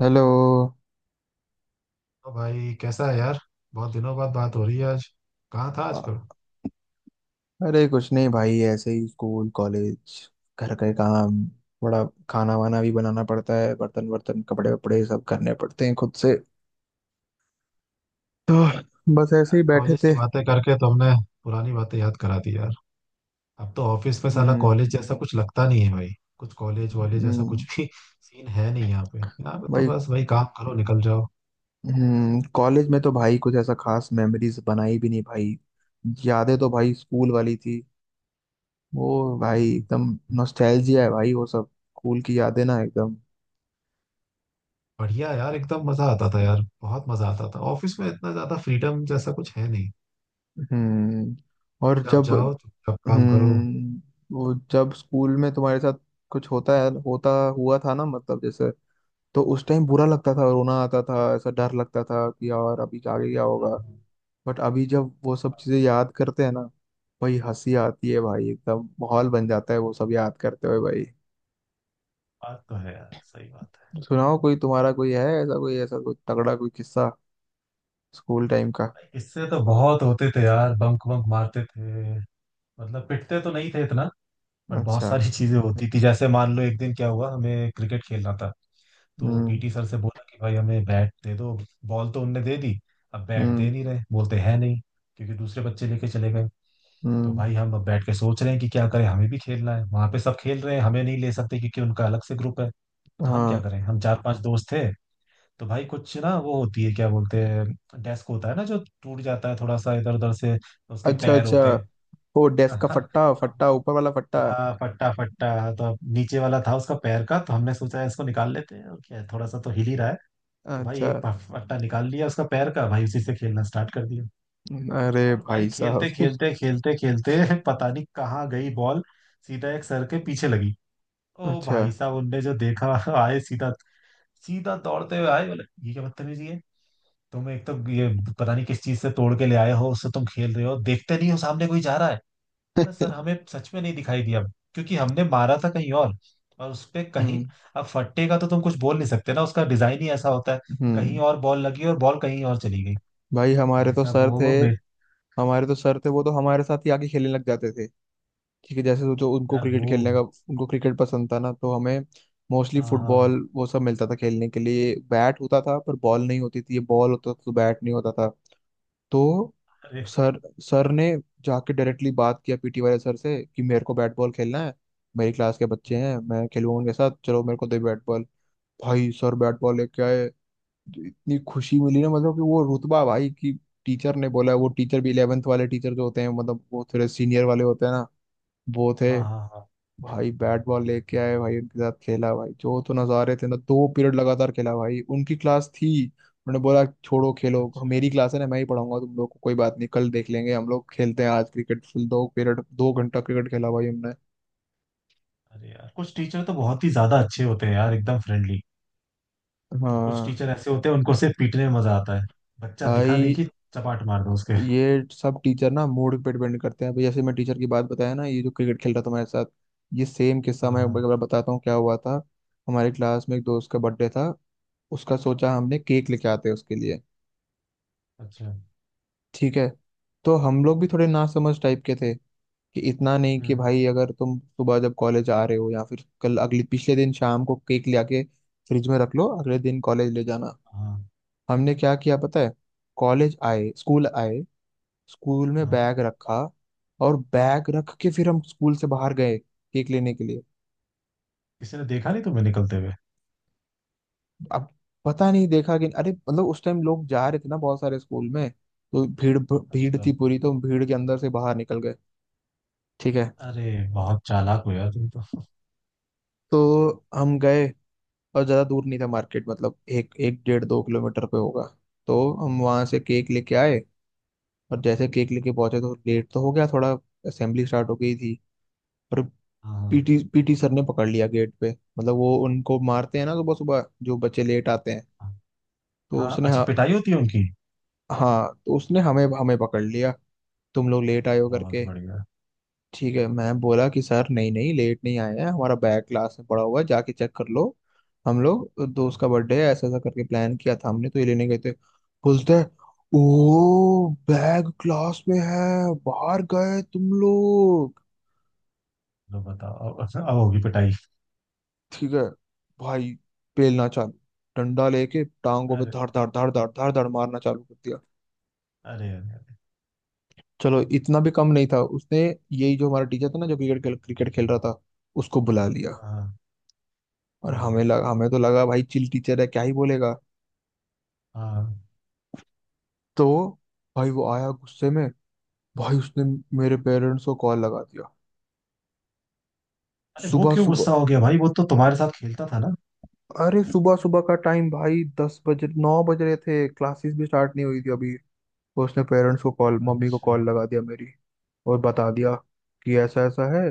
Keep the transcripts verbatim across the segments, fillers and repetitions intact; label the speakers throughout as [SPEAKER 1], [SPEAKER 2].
[SPEAKER 1] Hello.
[SPEAKER 2] तो भाई कैसा है यार। बहुत दिनों बाद बात हो रही है आज। कहाँ था
[SPEAKER 1] अ-
[SPEAKER 2] आजकल।
[SPEAKER 1] अरे कुछ नहीं भाई, ऐसे ही स्कूल कॉलेज घर के काम। बड़ा खाना वाना भी बनाना पड़ता है, बर्तन वर्तन कपड़े वपड़े सब करने पड़ते हैं खुद से। तो बस ऐसे ही बैठे
[SPEAKER 2] कॉलेज की
[SPEAKER 1] थे।
[SPEAKER 2] बातें करके तुमने पुरानी बातें याद करा दी यार। अब तो ऑफिस में साला
[SPEAKER 1] हम्म।
[SPEAKER 2] कॉलेज जैसा कुछ लगता नहीं है भाई। कुछ कॉलेज वॉलेज ऐसा
[SPEAKER 1] हम्म
[SPEAKER 2] कुछ भी सीन है नहीं यहाँ पे। यहाँ पे तो
[SPEAKER 1] भाई।
[SPEAKER 2] बस भाई काम करो, निकल जाओ।
[SPEAKER 1] हम्म कॉलेज में तो भाई कुछ ऐसा खास मेमोरीज बनाई भी नहीं भाई। यादें तो भाई स्कूल वाली थी, वो भाई
[SPEAKER 2] हम्म,
[SPEAKER 1] एकदम नॉस्टैल्जिया है भाई, वो सब स्कूल की यादें ना एकदम।
[SPEAKER 2] बढ़िया यार, एकदम मजा आता था यार। बहुत मजा आता था। ऑफिस में इतना ज्यादा फ्रीडम जैसा कुछ है नहीं।
[SPEAKER 1] हम्म। और
[SPEAKER 2] जब
[SPEAKER 1] जब,
[SPEAKER 2] जाओ चुपचाप काम करो।
[SPEAKER 1] हम्म वो जब स्कूल में तुम्हारे साथ कुछ होता है, होता हुआ था ना, मतलब जैसे, तो उस टाइम बुरा लगता था, रोना आता था, ऐसा डर लगता था कि यार अभी आगे क्या होगा।
[SPEAKER 2] हाँ,
[SPEAKER 1] बट अभी जब वो सब चीजें याद करते हैं ना भाई, हंसी आती है भाई, एकदम माहौल बन जाता है वो सब याद करते हुए भाई।
[SPEAKER 2] बात तो है यार, सही बात है।
[SPEAKER 1] सुनाओ, कोई तुम्हारा, कोई है ऐसा, कोई ऐसा कोई तगड़ा कोई किस्सा स्कूल टाइम का।
[SPEAKER 2] इससे तो बहुत होते थे यार, बंक बंक मारते थे। मतलब पिटते तो नहीं थे इतना। बट बहुत
[SPEAKER 1] अच्छा।
[SPEAKER 2] सारी चीजें होती थी। जैसे मान लो एक दिन क्या हुआ, हमें क्रिकेट खेलना था। तो
[SPEAKER 1] हम्म।
[SPEAKER 2] पीटी सर से बोला कि भाई हमें बैट दे दो। बॉल तो उनने दे दी। अब बैट
[SPEAKER 1] हम्म।
[SPEAKER 2] दे नहीं रहे, बोलते हैं नहीं, क्योंकि दूसरे बच्चे लेके चले गए। तो
[SPEAKER 1] हम्म।
[SPEAKER 2] भाई हम अब बैठ के सोच रहे हैं कि क्या करें। हमें भी खेलना है, वहां पे सब खेल रहे हैं। हमें नहीं ले सकते क्योंकि उनका अलग से ग्रुप है। तो हम क्या
[SPEAKER 1] हाँ।
[SPEAKER 2] करें, हम चार पांच दोस्त थे। तो भाई कुछ ना, वो होती है, क्या बोलते हैं, डेस्क होता है ना जो टूट जाता है थोड़ा सा इधर उधर से। उसके
[SPEAKER 1] अच्छा
[SPEAKER 2] पैर
[SPEAKER 1] अच्छा,
[SPEAKER 2] होते हैं।
[SPEAKER 1] वो डेस्क का
[SPEAKER 2] हाँ।
[SPEAKER 1] फट्टा फट्टा ऊपर वाला फट्टा।
[SPEAKER 2] हाँ, फट्टा फट्टा। तो अब नीचे वाला था उसका पैर का, तो हमने सोचा इसको निकाल लेते हैं। और क्या है, थोड़ा सा तो हिल ही रहा है। तो भाई
[SPEAKER 1] अच्छा।
[SPEAKER 2] एक फ- फट्टा निकाल लिया उसका पैर का भाई, उसी से खेलना स्टार्ट कर दिया।
[SPEAKER 1] अरे
[SPEAKER 2] और भाई
[SPEAKER 1] भाई
[SPEAKER 2] खेलते
[SPEAKER 1] साहब।
[SPEAKER 2] खेलते खेलते खेलते पता नहीं कहाँ गई बॉल। सीधा एक सर के पीछे लगी। ओ
[SPEAKER 1] अच्छा।
[SPEAKER 2] भाई साहब, उनने जो देखा आए सीधा। सीधा दौड़ते हुए आए, बोले ये क्या बदतमीजी है। तुम एक तो ये पता नहीं किस चीज से तोड़ के ले आए हो, उससे तुम खेल रहे हो, देखते नहीं हो सामने कोई जा रहा है। बोला सर हमें सच में नहीं दिखाई दिया, क्योंकि हमने मारा था कहीं और और उस पे कहीं।
[SPEAKER 1] हम्म।
[SPEAKER 2] अब फट्टे का तो तुम कुछ बोल नहीं सकते ना, उसका डिजाइन ही ऐसा होता है। कहीं
[SPEAKER 1] हम्म
[SPEAKER 2] और बॉल लगी और बॉल कहीं और चली गई।
[SPEAKER 1] भाई, हमारे
[SPEAKER 2] भाई
[SPEAKER 1] तो
[SPEAKER 2] साहब
[SPEAKER 1] सर
[SPEAKER 2] वो
[SPEAKER 1] थे।
[SPEAKER 2] वो बे
[SPEAKER 1] हमारे तो सर थे, वो तो हमारे साथ ही आके खेलने लग जाते थे। ठीक है, जैसे सोचो उनको
[SPEAKER 2] यार
[SPEAKER 1] क्रिकेट
[SPEAKER 2] वो।
[SPEAKER 1] खेलने का, उनको क्रिकेट पसंद था ना, तो हमें मोस्टली
[SPEAKER 2] हाँ हाँ।
[SPEAKER 1] फुटबॉल वो सब मिलता था खेलने के लिए, बैट होता था पर बॉल नहीं होती थी, ये बॉल होता था तो बैट नहीं होता था। तो
[SPEAKER 2] अरे।
[SPEAKER 1] सर सर ने जाके डायरेक्टली बात किया पीटी वाले सर से कि मेरे को बैट बॉल खेलना है, मेरी क्लास के बच्चे
[SPEAKER 2] हम्म,
[SPEAKER 1] हैं, मैं खेलूंगा उनके साथ, चलो मेरे को दे बैट बॉल। भाई सर बैट बॉल लेके आए, जो इतनी खुशी मिली ना, मतलब कि वो रुतबा भाई की टीचर ने बोला है। वो टीचर भी इलेवेंथ वाले टीचर जो होते हैं, मतलब वो थोड़े सीनियर वाले होते हैं ना, वो थे।
[SPEAKER 2] हाँ हाँ हाँ।
[SPEAKER 1] भाई बैट बॉल लेके आए भाई, उनके साथ खेला भाई, जो तो नजारे थे ना, दो पीरियड लगातार खेला भाई, उनकी क्लास थी, उन्होंने बोला छोड़ो खेलो
[SPEAKER 2] अच्छा।
[SPEAKER 1] मेरी क्लास है ना, मैं ही पढ़ाऊंगा तुम लोग को, कोई बात नहीं कल देख लेंगे, हम लोग खेलते हैं आज क्रिकेट, फिर दो पीरियड दो घंटा क्रिकेट खेला भाई हमने।
[SPEAKER 2] अरे यार, कुछ टीचर तो बहुत ही ज्यादा अच्छे होते हैं यार, एकदम फ्रेंडली। और कुछ
[SPEAKER 1] हाँ।
[SPEAKER 2] टीचर ऐसे होते हैं, उनको सिर्फ पीटने में मजा आता है। बच्चा दिखा नहीं
[SPEAKER 1] भाई
[SPEAKER 2] कि चपाट मार दो उसके।
[SPEAKER 1] ये सब टीचर ना मूड पे डिपेंड करते हैं, अभी जैसे मैं टीचर की बात बताया ना, ये जो क्रिकेट खेल रहा था हमारे साथ, ये सेम किस्सा
[SPEAKER 2] हाँ
[SPEAKER 1] मैं एक
[SPEAKER 2] हाँ।
[SPEAKER 1] बार बताता हूँ क्या हुआ था। हमारे क्लास में एक दोस्त का बर्थडे था, उसका सोचा हमने केक लेके आते हैं उसके लिए,
[SPEAKER 2] अच्छा।
[SPEAKER 1] ठीक है। तो हम लोग भी थोड़े नासमझ टाइप के थे, कि इतना नहीं कि
[SPEAKER 2] हम्म।
[SPEAKER 1] भाई अगर तुम सुबह जब कॉलेज आ रहे हो या फिर कल अगले पिछले दिन शाम को केक ले आके फ्रिज में रख लो, अगले दिन कॉलेज ले जाना।
[SPEAKER 2] हाँ
[SPEAKER 1] हमने क्या किया पता है, कॉलेज आए स्कूल आए, स्कूल में
[SPEAKER 2] हाँ।
[SPEAKER 1] बैग रखा, और बैग रख के फिर हम स्कूल से बाहर गए केक लेने के लिए।
[SPEAKER 2] किसी ने देखा नहीं तुम्हें निकलते हुए।
[SPEAKER 1] अब पता नहीं देखा कि अरे, मतलब उस टाइम लोग जा रहे थे ना बहुत सारे स्कूल में, तो भीड़ भीड़
[SPEAKER 2] अच्छा।
[SPEAKER 1] थी पूरी, तो हम भीड़ के अंदर से बाहर निकल गए। ठीक है,
[SPEAKER 2] अरे बहुत चालाक हो यार तुम तो।
[SPEAKER 1] तो हम गए, और ज़्यादा दूर नहीं था मार्केट, मतलब एक एक डेढ़ दो किलोमीटर पे होगा, तो हम वहाँ से केक लेके आए। और जैसे केक लेके पहुंचे तो लेट तो हो गया थोड़ा, असेंबली स्टार्ट हो गई थी, पर
[SPEAKER 2] हाँ
[SPEAKER 1] पीटी पीटी सर ने पकड़ लिया गेट पे, मतलब वो उनको मारते हैं ना सुबह सुबह जो बच्चे लेट आते हैं।
[SPEAKER 2] हाँ
[SPEAKER 1] तो
[SPEAKER 2] हाँ।
[SPEAKER 1] उसने,
[SPEAKER 2] अच्छा,
[SPEAKER 1] हाँ,
[SPEAKER 2] पिटाई होती है उनकी।
[SPEAKER 1] हाँ, तो उसने हमें हमें पकड़ लिया, तुम लोग लेट आए हो
[SPEAKER 2] बहुत
[SPEAKER 1] करके।
[SPEAKER 2] बढ़िया।
[SPEAKER 1] ठीक है, मैं बोला कि सर नहीं नहीं लेट नहीं आए हैं, हमारा बैग क्लास में पड़ा हुआ है जाके चेक कर लो, हम लोग दोस्त
[SPEAKER 2] हाँ।
[SPEAKER 1] का बर्थडे है ऐसा ऐसा करके प्लान किया था हमने, तो ये लेने गए थे। बोलते हैं ओ बैग क्लास में है, बाहर गए तुम लोग,
[SPEAKER 2] लो बताओ अब। अब होगी पिटाई।
[SPEAKER 1] ठीक है भाई, बेलना चालू। डंडा लेके टांगों पे
[SPEAKER 2] अरे।
[SPEAKER 1] धाड़ धाड़ धाड़ धाड़ धाड़ धाड़ मारना चालू कर दिया।
[SPEAKER 2] अरे। अरे, अरे।
[SPEAKER 1] चलो, इतना भी कम नहीं था उसने, यही जो हमारा टीचर था ना, जो क्रिकेट खेल क्रिकेट खेल रहा था, उसको बुला लिया।
[SPEAKER 2] हाँ। ओ।
[SPEAKER 1] और हमें लगा, हमें तो लगा भाई चिल टीचर है क्या ही बोलेगा।
[SPEAKER 2] हाँ।
[SPEAKER 1] तो भाई वो आया गुस्से में, भाई उसने मेरे पेरेंट्स को कॉल लगा दिया,
[SPEAKER 2] अरे वो
[SPEAKER 1] सुबह
[SPEAKER 2] क्यों गुस्सा
[SPEAKER 1] सुबह।
[SPEAKER 2] हो गया भाई, वो तो तुम्हारे साथ खेलता था ना।
[SPEAKER 1] अरे सुबह सुबह का टाइम भाई, दस बजे, नौ बज रहे थे, क्लासेस भी स्टार्ट नहीं हुई थी अभी। तो उसने पेरेंट्स को कॉल, मम्मी को कॉल
[SPEAKER 2] अच्छा।
[SPEAKER 1] लगा दिया मेरी, और बता दिया कि ऐसा ऐसा है,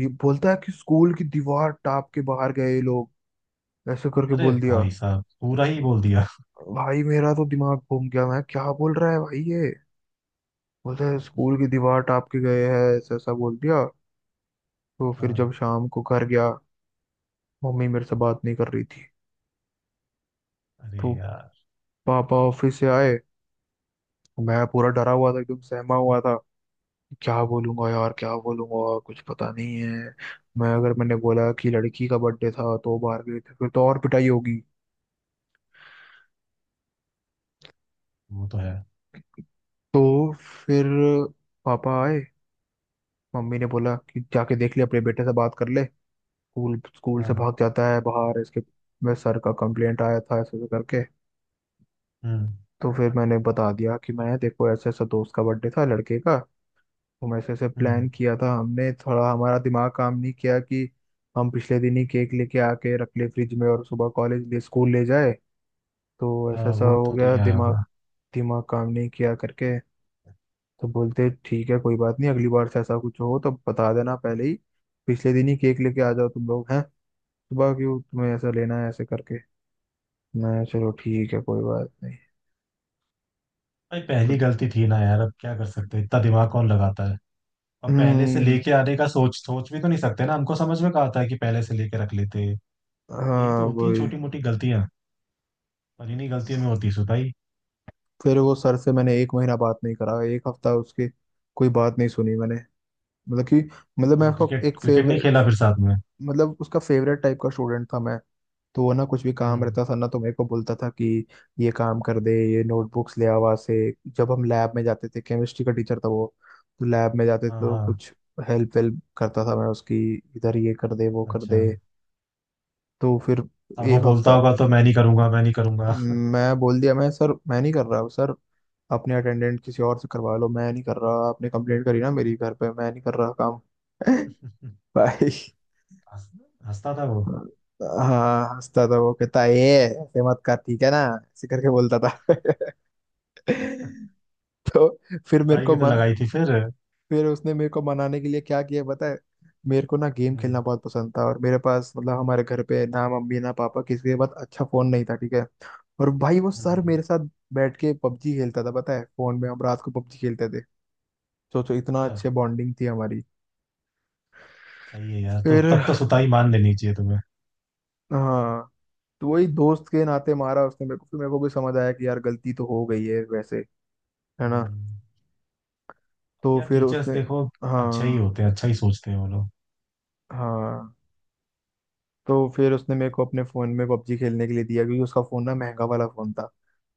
[SPEAKER 1] ये बोलता है कि स्कूल की दीवार टाप के बाहर गए ये लोग, ऐसे करके
[SPEAKER 2] अरे
[SPEAKER 1] बोल दिया।
[SPEAKER 2] भाई साहब, पूरा ही बोल दिया।
[SPEAKER 1] भाई मेरा तो दिमाग घूम गया, मैं क्या बोल रहा है भाई ये, बोलता है स्कूल की दीवार टाप के गए हैं, ऐसा ऐसा बोल दिया। तो फिर जब
[SPEAKER 2] हाँ।
[SPEAKER 1] शाम को घर गया, मम्मी मेरे से बात नहीं कर रही थी, तो
[SPEAKER 2] अरे यार।
[SPEAKER 1] पापा ऑफिस से आए, मैं पूरा डरा हुआ था एकदम सहमा हुआ था, क्या बोलूंगा यार क्या बोलूंगा कुछ पता नहीं है, मैं अगर मैंने बोला कि लड़की का बर्थडे था तो बाहर गए थे, फिर तो और पिटाई होगी।
[SPEAKER 2] वो तो है।
[SPEAKER 1] तो फिर पापा आए, मम्मी ने बोला कि जाके देख ले, अपने बेटे से बात कर ले, स्कूल स्कूल से
[SPEAKER 2] हाँ।
[SPEAKER 1] भाग जाता है बाहर इसके, मैं सर का कंप्लेंट आया था ऐसे ऐसे करके।
[SPEAKER 2] हम्म।
[SPEAKER 1] तो फिर मैंने बता दिया कि मैं देखो ऐसे, ऐसा दोस्त का बर्थडे था लड़के का, हम ऐसे ऐसे प्लान
[SPEAKER 2] हम्म।
[SPEAKER 1] किया था हमने, थोड़ा हमारा दिमाग काम नहीं किया कि हम पिछले दिन ही केक लेके आके रख ले फ्रिज में और सुबह कॉलेज ले स्कूल ले जाए, तो ऐसा
[SPEAKER 2] हाँ,
[SPEAKER 1] ऐसा
[SPEAKER 2] वो
[SPEAKER 1] हो
[SPEAKER 2] तो
[SPEAKER 1] गया,
[SPEAKER 2] नहीं आया
[SPEAKER 1] दिमाग,
[SPEAKER 2] होगा।
[SPEAKER 1] दिमाग काम नहीं किया करके। तो बोलते ठीक है कोई बात नहीं, अगली बार से ऐसा कुछ हो तो बता देना पहले ही, पिछले दिन ही केक लेके आ जाओ तुम लोग हैं, सुबह क्यों तुम्हें ऐसा लेना है, ऐसे करके। मैं चलो ठीक है कोई बात नहीं।
[SPEAKER 2] भाई पहली
[SPEAKER 1] कुछ।
[SPEAKER 2] गलती थी ना यार, अब क्या कर सकते हैं, इतना दिमाग कौन लगाता है। और पहले से
[SPEAKER 1] हम्म।
[SPEAKER 2] लेके आने का सोच सोच भी तो नहीं सकते ना, हमको समझ में कहा था कि पहले से लेके रख लेते। यही
[SPEAKER 1] हाँ
[SPEAKER 2] तो होती है
[SPEAKER 1] वही।
[SPEAKER 2] छोटी मोटी गलतियां। पर इन्हीं गलतियों में होती है सुताई।
[SPEAKER 1] फिर वो सर से मैंने एक महीना बात नहीं करा, एक हफ्ता उसकी कोई बात नहीं सुनी मैंने। मतलब कि, मतलब मैं
[SPEAKER 2] तो
[SPEAKER 1] उसका
[SPEAKER 2] क्रिकेट
[SPEAKER 1] एक
[SPEAKER 2] क्रिकेट नहीं
[SPEAKER 1] फेवरेट,
[SPEAKER 2] खेला फिर साथ में।
[SPEAKER 1] मतलब उसका फेवरेट टाइप का स्टूडेंट था मैं, तो वो ना कुछ भी काम
[SPEAKER 2] हम्म।
[SPEAKER 1] रहता था ना तो मेरे को बोलता था कि ये काम कर दे ये नोटबुक्स ले आ वहाँ से, जब हम लैब में जाते थे, केमिस्ट्री का टीचर था वो, तो लैब में जाते थे
[SPEAKER 2] हाँ
[SPEAKER 1] तो
[SPEAKER 2] हाँ।
[SPEAKER 1] कुछ हेल्प वेल्प करता था मैं उसकी, इधर ये कर दे वो कर
[SPEAKER 2] अच्छा।
[SPEAKER 1] दे। तो फिर
[SPEAKER 2] अब वो
[SPEAKER 1] एक
[SPEAKER 2] बोलता
[SPEAKER 1] हफ्ता
[SPEAKER 2] होगा तो मैं नहीं करूंगा, मैं नहीं करूंगा।
[SPEAKER 1] मैं बोल दिया, मैं सर मैं नहीं कर रहा सर, अपने अटेंडेंट किसी और से करवा लो, मैं नहीं कर रहा, आपने कंप्लेंट करी ना मेरी घर पे, मैं नहीं कर रहा काम। भाई।
[SPEAKER 2] हंस- हंसता था वो।
[SPEAKER 1] हाँ हंसता था वो, कहता ये ऐसे मत कर ठीक है ना, ऐसे करके बोलता था। तो फिर मेरे
[SPEAKER 2] सुताई
[SPEAKER 1] को
[SPEAKER 2] भी तो
[SPEAKER 1] मन
[SPEAKER 2] लगाई थी फिर।
[SPEAKER 1] फिर उसने मेरे को मनाने के लिए क्या किया पता है, मेरे को ना गेम खेलना
[SPEAKER 2] हम्म।
[SPEAKER 1] बहुत पसंद था, और मेरे पास मतलब हमारे घर पे ना मम्मी ना पापा किसी के पास अच्छा फोन नहीं था, ठीक है, और भाई वो सर मेरे
[SPEAKER 2] हम्म,
[SPEAKER 1] साथ बैठ के पबजी खेलता था पता है, फोन में हम रात को पबजी खेलते थे, सोचो इतना
[SPEAKER 2] अच्छा।
[SPEAKER 1] अच्छे बॉन्डिंग थी हमारी।
[SPEAKER 2] सही है यार, तो
[SPEAKER 1] फिर।
[SPEAKER 2] तब तो सुताई मान लेनी चाहिए तुम्हें।
[SPEAKER 1] हाँ। तो वही दोस्त के नाते मारा उसने मेरे को, फिर मेरे को भी समझ आया कि यार गलती तो हो गई है वैसे, है ना।
[SPEAKER 2] हम्म।
[SPEAKER 1] तो
[SPEAKER 2] या
[SPEAKER 1] फिर
[SPEAKER 2] टीचर्स
[SPEAKER 1] उसने,
[SPEAKER 2] देखो अच्छा ही
[SPEAKER 1] हाँ
[SPEAKER 2] होते हैं, अच्छा ही सोचते हैं वो लोग।
[SPEAKER 1] हाँ, तो फिर उसने मेरे को अपने फ़ोन में पबजी खेलने के लिए दिया, क्योंकि उसका फ़ोन ना महंगा वाला फ़ोन था,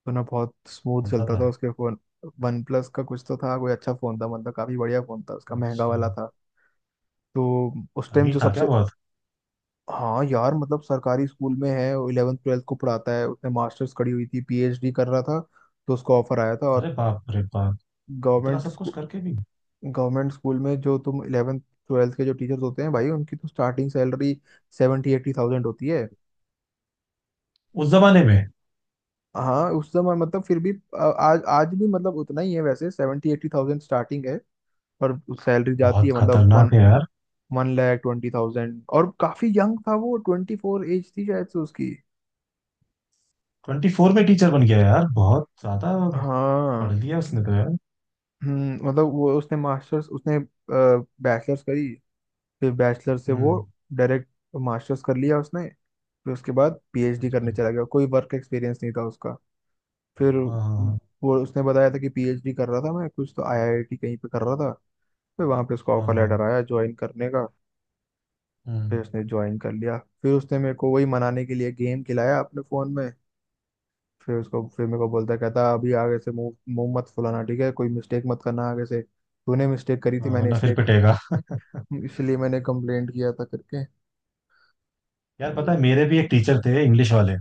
[SPEAKER 1] तो ना बहुत स्मूथ
[SPEAKER 2] कौन सा
[SPEAKER 1] चलता
[SPEAKER 2] था।
[SPEAKER 1] था उसके फ़ोन। वन प्लस का कुछ तो था, कोई अच्छा फ़ोन था, मतलब काफ़ी बढ़िया फ़ोन था उसका, महंगा
[SPEAKER 2] अच्छा।
[SPEAKER 1] वाला था। तो उस टाइम
[SPEAKER 2] अमीर
[SPEAKER 1] जो
[SPEAKER 2] था क्या
[SPEAKER 1] सबसे,
[SPEAKER 2] बहुत।
[SPEAKER 1] हाँ यार, मतलब सरकारी स्कूल में है, इलेवन ट्वेल्थ को पढ़ाता है, उसने मास्टर्स करी हुई थी, पीएचडी कर रहा था, तो उसको ऑफर आया था, और
[SPEAKER 2] अरे बाप रे बाप। इतना
[SPEAKER 1] गवर्नमेंट
[SPEAKER 2] सब कुछ
[SPEAKER 1] स्कूल,
[SPEAKER 2] करके भी।
[SPEAKER 1] गवर्नमेंट स्कूल में जो तुम इलेवन ट्वेल्थ के जो टीचर्स होते हैं भाई, उनकी तो starting salary seventy eighty thousand होती है।
[SPEAKER 2] उस जमाने में।
[SPEAKER 1] हाँ उस समय, मतलब फिर भी अ, आज आज भी मतलब उतना ही है वैसे, सेवेंटी एट्टी थाउजेंड स्टार्टिंग है, पर सैलरी जाती
[SPEAKER 2] बहुत
[SPEAKER 1] है मतलब वन
[SPEAKER 2] खतरनाक है यार।
[SPEAKER 1] One lakh twenty thousand. और काफी यंग था वो, ट्वेंटी फोर एज थी शायद से उसकी।
[SPEAKER 2] ट्वेंटी फोर में टीचर बन गया यार, बहुत ज्यादा
[SPEAKER 1] हाँ।
[SPEAKER 2] पढ़ लिया उसने तो यार।
[SPEAKER 1] हम्म, मतलब वो उसने मास्टर्स, उसने बैचलर्स करी, फिर बैचलर से वो
[SPEAKER 2] हम्म।
[SPEAKER 1] डायरेक्ट मास्टर्स कर लिया उसने, फिर उसके बाद पीएचडी
[SPEAKER 2] अच्छा।
[SPEAKER 1] करने चला गया, कोई वर्क एक्सपीरियंस नहीं था उसका। फिर
[SPEAKER 2] हाँ हाँ
[SPEAKER 1] वो उसने बताया था कि पीएचडी कर रहा था मैं, कुछ तो आईआईटी कहीं पे कर रहा था, फिर वहां पे उसको
[SPEAKER 2] हाँ।
[SPEAKER 1] ऑफर
[SPEAKER 2] हाँ
[SPEAKER 1] लेटर
[SPEAKER 2] हाँ।
[SPEAKER 1] आया ज्वाइन करने का। फिर
[SPEAKER 2] हम्म,
[SPEAKER 1] उसने ज्वाइन कर लिया, फिर उसने मेरे को वही मनाने के लिए गेम खिलाया अपने फोन में। फिर उसको फिर मेरे को बोलता है, कहता अभी आगे से मुंह मुंह मत फुलाना, ठीक है, कोई मिस्टेक मत करना आगे से, तूने मिस्टेक करी थी
[SPEAKER 2] हाँ,
[SPEAKER 1] मैंने
[SPEAKER 2] वरना फिर
[SPEAKER 1] इसलिए,
[SPEAKER 2] पिटेगा।
[SPEAKER 1] इसलिए मैंने कंप्लेंट किया था करके।
[SPEAKER 2] यार पता है
[SPEAKER 1] वही।
[SPEAKER 2] मेरे भी एक टीचर थे इंग्लिश वाले।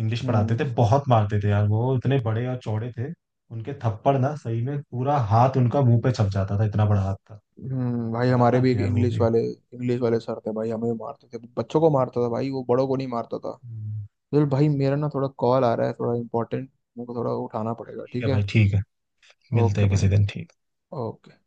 [SPEAKER 2] इंग्लिश पढ़ाते
[SPEAKER 1] हम्म।
[SPEAKER 2] थे, बहुत मारते थे यार। वो इतने बड़े और चौड़े थे। उनके थप्पड़ ना सही में पूरा हाथ उनका मुंह पे छप जाता था, इतना बड़ा हाथ था।
[SPEAKER 1] हम्म भाई, हमारे भी
[SPEAKER 2] खतरनाक थे
[SPEAKER 1] एक
[SPEAKER 2] यार वो
[SPEAKER 1] इंग्लिश
[SPEAKER 2] भी।
[SPEAKER 1] वाले इंग्लिश वाले सर थे भाई, हमें मारते थे, बच्चों को मारता था भाई वो, बड़ों को नहीं मारता था।
[SPEAKER 2] हम्म,
[SPEAKER 1] चल भाई, मेरा ना थोड़ा कॉल आ रहा है थोड़ा इंपॉर्टेंट, मेरे को थोड़ा उठाना पड़ेगा,
[SPEAKER 2] ठीक
[SPEAKER 1] ठीक
[SPEAKER 2] है
[SPEAKER 1] है।
[SPEAKER 2] भाई, ठीक है। मिलते
[SPEAKER 1] ओके
[SPEAKER 2] हैं किसी
[SPEAKER 1] भाई।
[SPEAKER 2] दिन, ठीक।
[SPEAKER 1] ओके।